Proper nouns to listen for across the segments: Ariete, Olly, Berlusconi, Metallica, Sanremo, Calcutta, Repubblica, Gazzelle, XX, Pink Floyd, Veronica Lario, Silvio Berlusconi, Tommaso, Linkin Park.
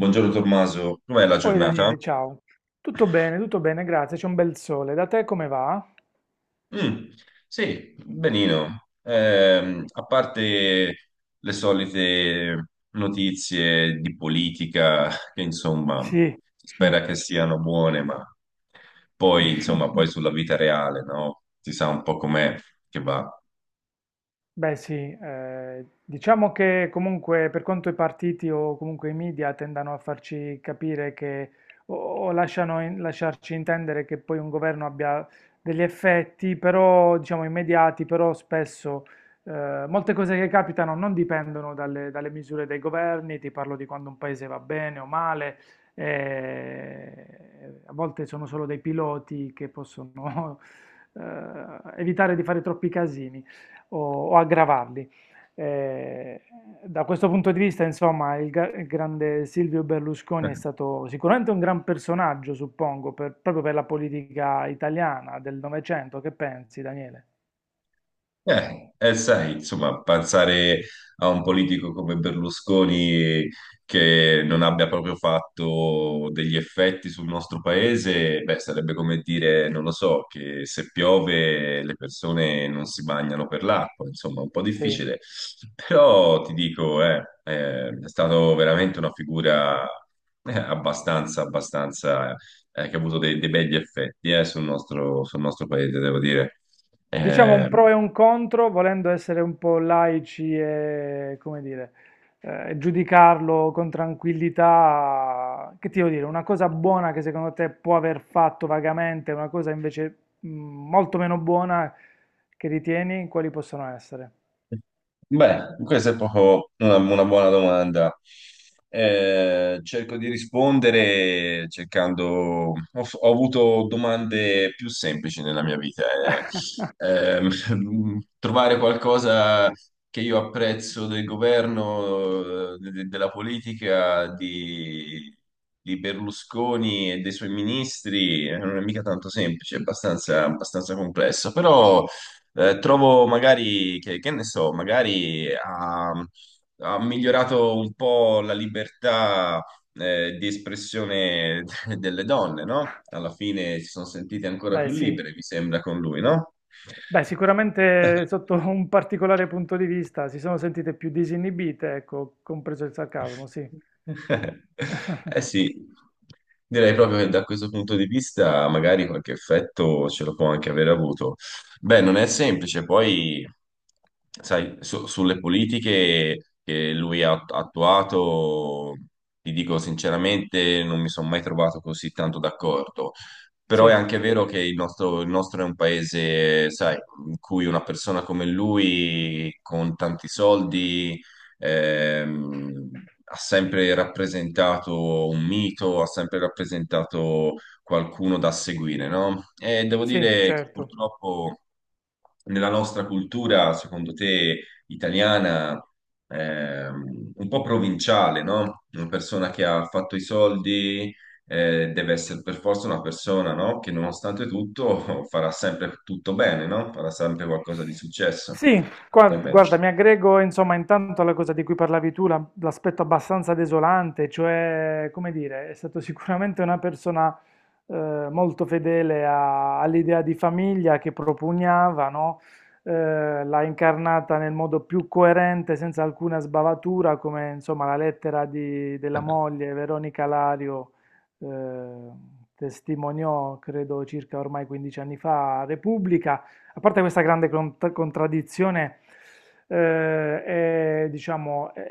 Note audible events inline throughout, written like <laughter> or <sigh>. Buongiorno Tommaso, com'è la Oi giornata? Daniele, ciao. Tutto bene, grazie. C'è un bel sole. Da te come va? Mm, sì, benino. A parte le solite notizie di politica, che insomma, Sì. si spera che siano buone, ma poi, insomma, poi <laughs> sulla vita reale, no? Si sa un po' com'è che va. Beh sì, diciamo che comunque, per quanto i partiti o comunque i media tendano a farci capire che o lasciarci intendere che poi un governo abbia degli effetti, però diciamo immediati, però spesso molte cose che capitano non dipendono dalle misure dei governi. Ti parlo di quando un paese va bene o male: eh, a volte sono solo dei piloti che possono <laughs> eh, evitare di fare troppi casini o, o aggravarli. Eh, da questo punto di vista, insomma, il grande Silvio Berlusconi è <laughs> stato sicuramente un gran personaggio, suppongo, proprio per la politica italiana del Novecento. Che pensi, Daniele? Sai, insomma, pensare a un politico come Berlusconi che non abbia proprio fatto degli effetti sul nostro paese, beh, sarebbe come dire, non lo so, che se piove le persone non si bagnano per l'acqua, insomma, un po' Sì. difficile. Però ti dico, è stato veramente una figura abbastanza, che ha avuto dei begli effetti, sul nostro paese, devo dire. Diciamo Eh, un pro e un contro, volendo essere un po' laici e, come dire, giudicarlo con tranquillità. Che ti devo dire, una cosa buona che secondo te può aver fatto vagamente, una cosa invece molto meno buona che ritieni, quali possono essere? Beh, questa è proprio una buona domanda. Cerco di rispondere. Ho avuto domande più semplici nella mia vita. Ehm, <laughs> Trovare qualcosa che io apprezzo del governo, della politica, di Berlusconi e dei suoi ministri, non è mica tanto semplice, è abbastanza complesso, però... Trovo magari, che ne so, magari ha migliorato un po' la libertà di espressione <laughs> delle donne, no? Alla fine si sono sentite ancora Beh, più sì. libere, mi sembra, con lui, no? Beh, sicuramente <laughs> sotto un particolare punto di vista si sono sentite più disinibite, ecco, compreso il sarcasmo, sì. Eh <laughs> sì, direi proprio che da questo punto di vista magari qualche effetto ce lo può anche aver avuto. Beh, non è semplice, poi sai, sulle politiche che lui ha attuato, ti dico sinceramente, non mi sono mai trovato così tanto d'accordo. Però è Sì, anche vero che il nostro è un paese, sai, in cui una persona come lui, con tanti soldi ha sempre rappresentato un mito, ha sempre rappresentato qualcuno da seguire, no? E devo sì, dire che certo. purtroppo nella nostra cultura, secondo te, italiana, un po' provinciale, no? Una persona che ha fatto i soldi deve essere per forza una persona, no? Che nonostante tutto <laughs> farà sempre tutto bene, no? Farà sempre qualcosa di successo. Sì, Cosa ne guarda, pensi? mi aggrego insomma intanto alla cosa di cui parlavi tu, l'aspetto abbastanza desolante, cioè, come dire, è stato sicuramente una persona molto fedele all'idea di famiglia che propugnava, no? L'ha incarnata nel modo più coerente, senza alcuna sbavatura, come insomma la lettera della moglie Veronica Lario eh, testimoniò, credo circa ormai 15 anni fa, a Repubblica. A parte questa grande contraddizione, eh, è, diciamo, è-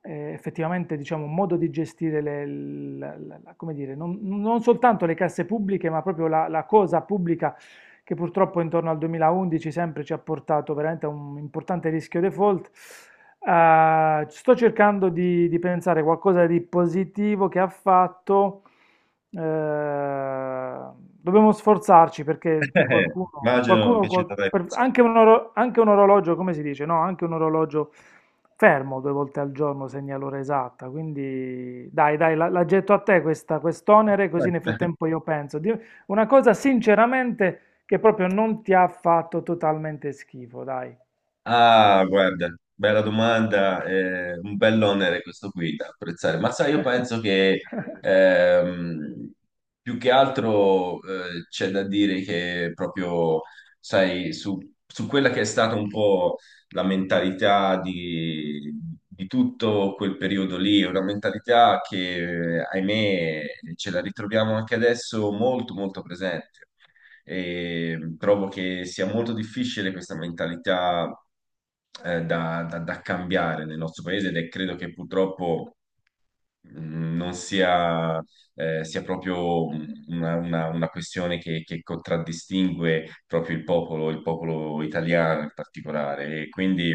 è effettivamente diciamo, un modo di gestire come dire, non soltanto le casse pubbliche, ma proprio la cosa pubblica, che purtroppo intorno al 2011 sempre ci ha portato veramente a un importante rischio default. Sto cercando di pensare qualcosa di positivo che ha fatto. Eh, dobbiamo sforzarci perché qualcuno, Immagino che ci dovrai pensare. anche anche un orologio, come si dice, no? Anche un orologio fermo due volte al giorno segna l'ora esatta. Quindi dai, dai, la getto a te quest'onere, così nel frattempo <laughs> io penso. Una cosa sinceramente che proprio non ti ha fatto totalmente schifo, dai. Ah, guarda, bella domanda, un bell'onere questo qui da apprezzare. Ma sai, io penso che <laughs> ehm, più che altro c'è da dire che proprio, sai, su quella che è stata un po' la mentalità di tutto quel periodo lì, una mentalità che, ahimè, ce la ritroviamo anche adesso molto, molto presente. E trovo che sia molto difficile questa mentalità da cambiare nel nostro paese ed è credo che purtroppo non sia, sia proprio una questione che contraddistingue proprio il popolo italiano in particolare. E quindi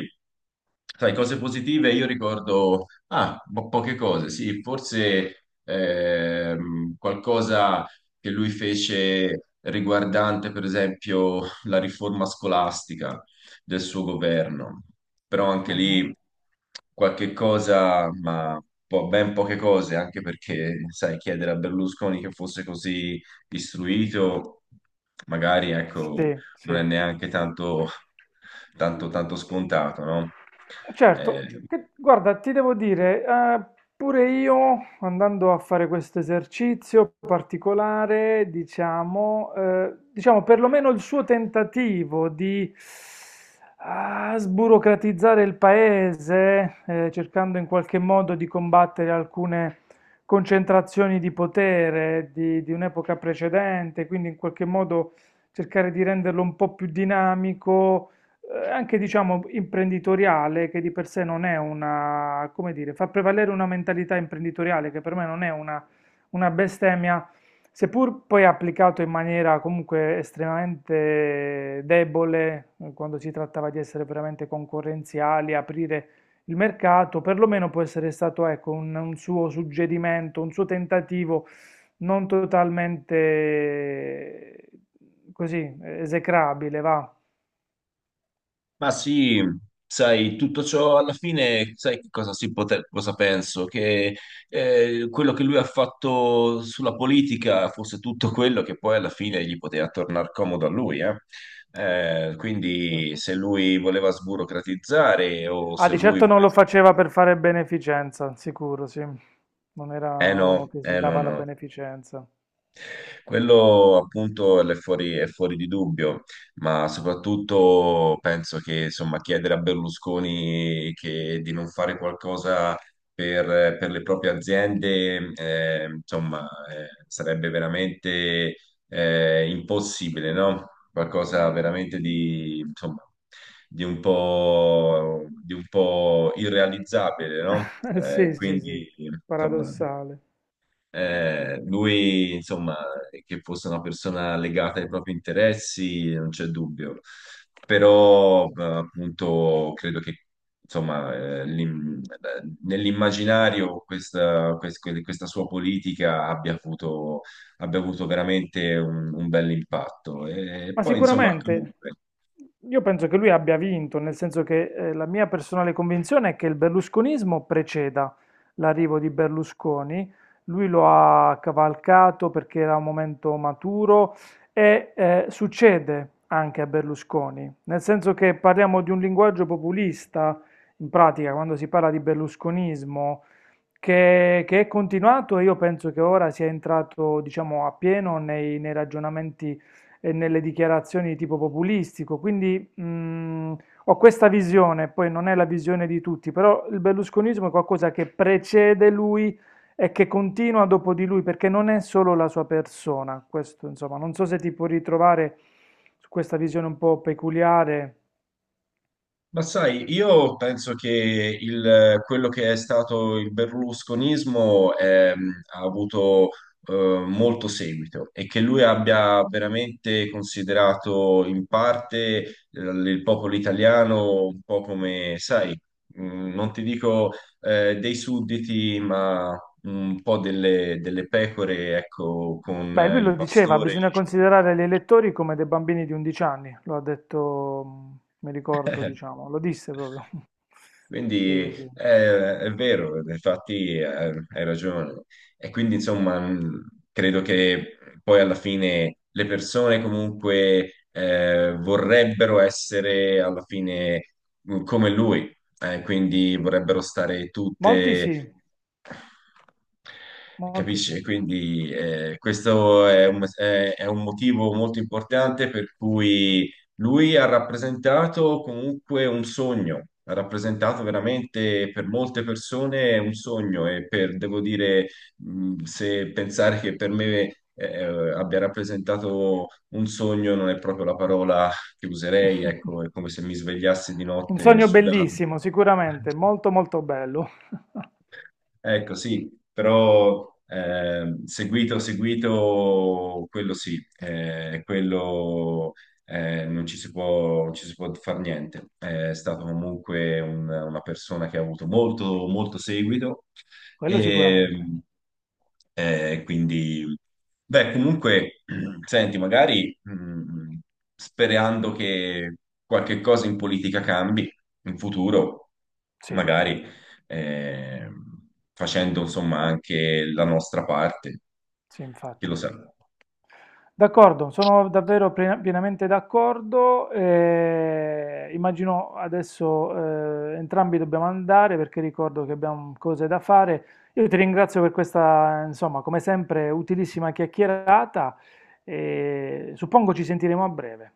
Sai, cose positive, io ricordo, ah, poche cose, sì, forse qualcosa che lui fece riguardante, per esempio, la riforma scolastica del suo governo, però anche Mhm. lì qualche cosa, ma ben poche cose, anche perché, sai, chiedere a Berlusconi che fosse così istruito, magari, ecco, Sì, non è sì. neanche tanto, tanto, tanto scontato, no? Eh, Certo, guarda, ti devo dire, pure io andando a fare questo esercizio particolare, diciamo perlomeno il suo tentativo di sburocratizzare il paese, cercando in qualche modo di combattere alcune concentrazioni di potere di un'epoca precedente, quindi in qualche modo cercare di renderlo un po' più dinamico, anche diciamo imprenditoriale, che di per sé non è una, come dire, fa prevalere una mentalità imprenditoriale che per me non è una bestemmia, seppur poi applicato in maniera comunque estremamente debole, quando si trattava di essere veramente concorrenziali, aprire il mercato, perlomeno può essere stato ecco, un suo suggerimento, un suo tentativo non totalmente così esecrabile, va. ma sì, sai, tutto ciò alla fine, sai che cosa, cosa penso? Che quello che lui ha fatto sulla politica fosse tutto quello che poi alla fine gli poteva tornare comodo a lui, eh? Quindi Certo. se lui voleva sburocratizzare o Ah, se di lui certo non lo voleva... faceva per fare beneficenza, sicuro, sì. Non Eh era no, uno che si eh no, dava la no. beneficenza. Quello appunto è fuori di dubbio, ma soprattutto penso che insomma, chiedere a Berlusconi che- di non fare qualcosa per le proprie aziende insomma, sarebbe veramente impossibile, no? Qualcosa veramente di, insomma, di un po' irrealizzabile, no? <laughs> Eh, Sì, sì, sì, quindi insomma. paradossale. Lui, insomma, che fosse una persona legata ai propri interessi, non c'è dubbio. Però, appunto, credo che, insomma, nell'immaginario questa sua politica abbia avuto veramente un bel impatto. E Ma poi, insomma, sicuramente comunque. io penso che lui abbia vinto, nel senso che la mia personale convinzione è che il berlusconismo preceda l'arrivo di Berlusconi. Lui lo ha cavalcato perché era un momento maturo e succede anche a Berlusconi, nel senso che parliamo di un linguaggio populista, in pratica, quando si parla di berlusconismo, che è continuato, e io penso che ora sia entrato, diciamo, a pieno nei ragionamenti e nelle dichiarazioni di tipo populistico. Quindi ho questa visione, poi non è la visione di tutti, però il berlusconismo è qualcosa che precede lui e che continua dopo di lui, perché non è solo la sua persona. Questo, insomma, non so se ti puoi ritrovare su questa visione un po' peculiare. Ma sai, io penso che quello che è stato il berlusconismo ha avuto eh, molto seguito e che lui abbia veramente considerato in parte eh, il popolo italiano un po' come, sai, non ti dico dei sudditi, ma un po' delle pecore, ecco, con Beh, lui il lo diceva, pastore. bisogna considerare gli elettori come dei bambini di 11 anni, lo ha detto, mi ricordo, <laughs> diciamo, lo disse proprio. <laughs> Sì, Quindi sì, sì. eh, è, vero, infatti hai ragione. E quindi insomma, credo che poi alla fine le persone comunque vorrebbero essere alla fine come lui, quindi vorrebbero stare Molti tutte sì, molti sì. Capisci? Quindi questo è un motivo molto importante per cui lui ha rappresentato comunque un sogno, ha rappresentato veramente per molte persone un sogno e per, devo dire, se pensare che per me abbia rappresentato un sogno non è proprio la parola che userei, <laughs> ecco, è come se mi svegliassi di Un notte sogno sudato. bellissimo, sicuramente, molto molto bello. <laughs> Ecco, sì, però seguito, seguito, quello sì, quello non ci si può, non ci si può far niente. È stato comunque una persona che ha avuto molto, molto seguito Quello e sicuramente. Quindi, beh, comunque, <clears throat> senti, magari sperando che qualche cosa in politica cambi in futuro, Sì, magari eh, facendo insomma anche la nostra parte. sì, Chi lo infatti. sa? D'accordo, sono davvero pienamente d'accordo. Immagino adesso entrambi dobbiamo andare perché ricordo che abbiamo cose da fare. Io ti ringrazio per questa, insomma, come sempre, utilissima chiacchierata e suppongo ci sentiremo a breve.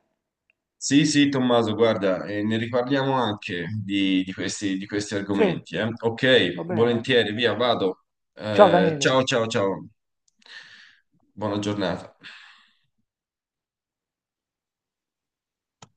Sì, sì, Tommaso, guarda, ne riparliamo anche di questi Sì, argomenti. Va Ok, bene. volentieri, via, vado. Ciao Daniele. Ciao, ciao, ciao. Buona giornata.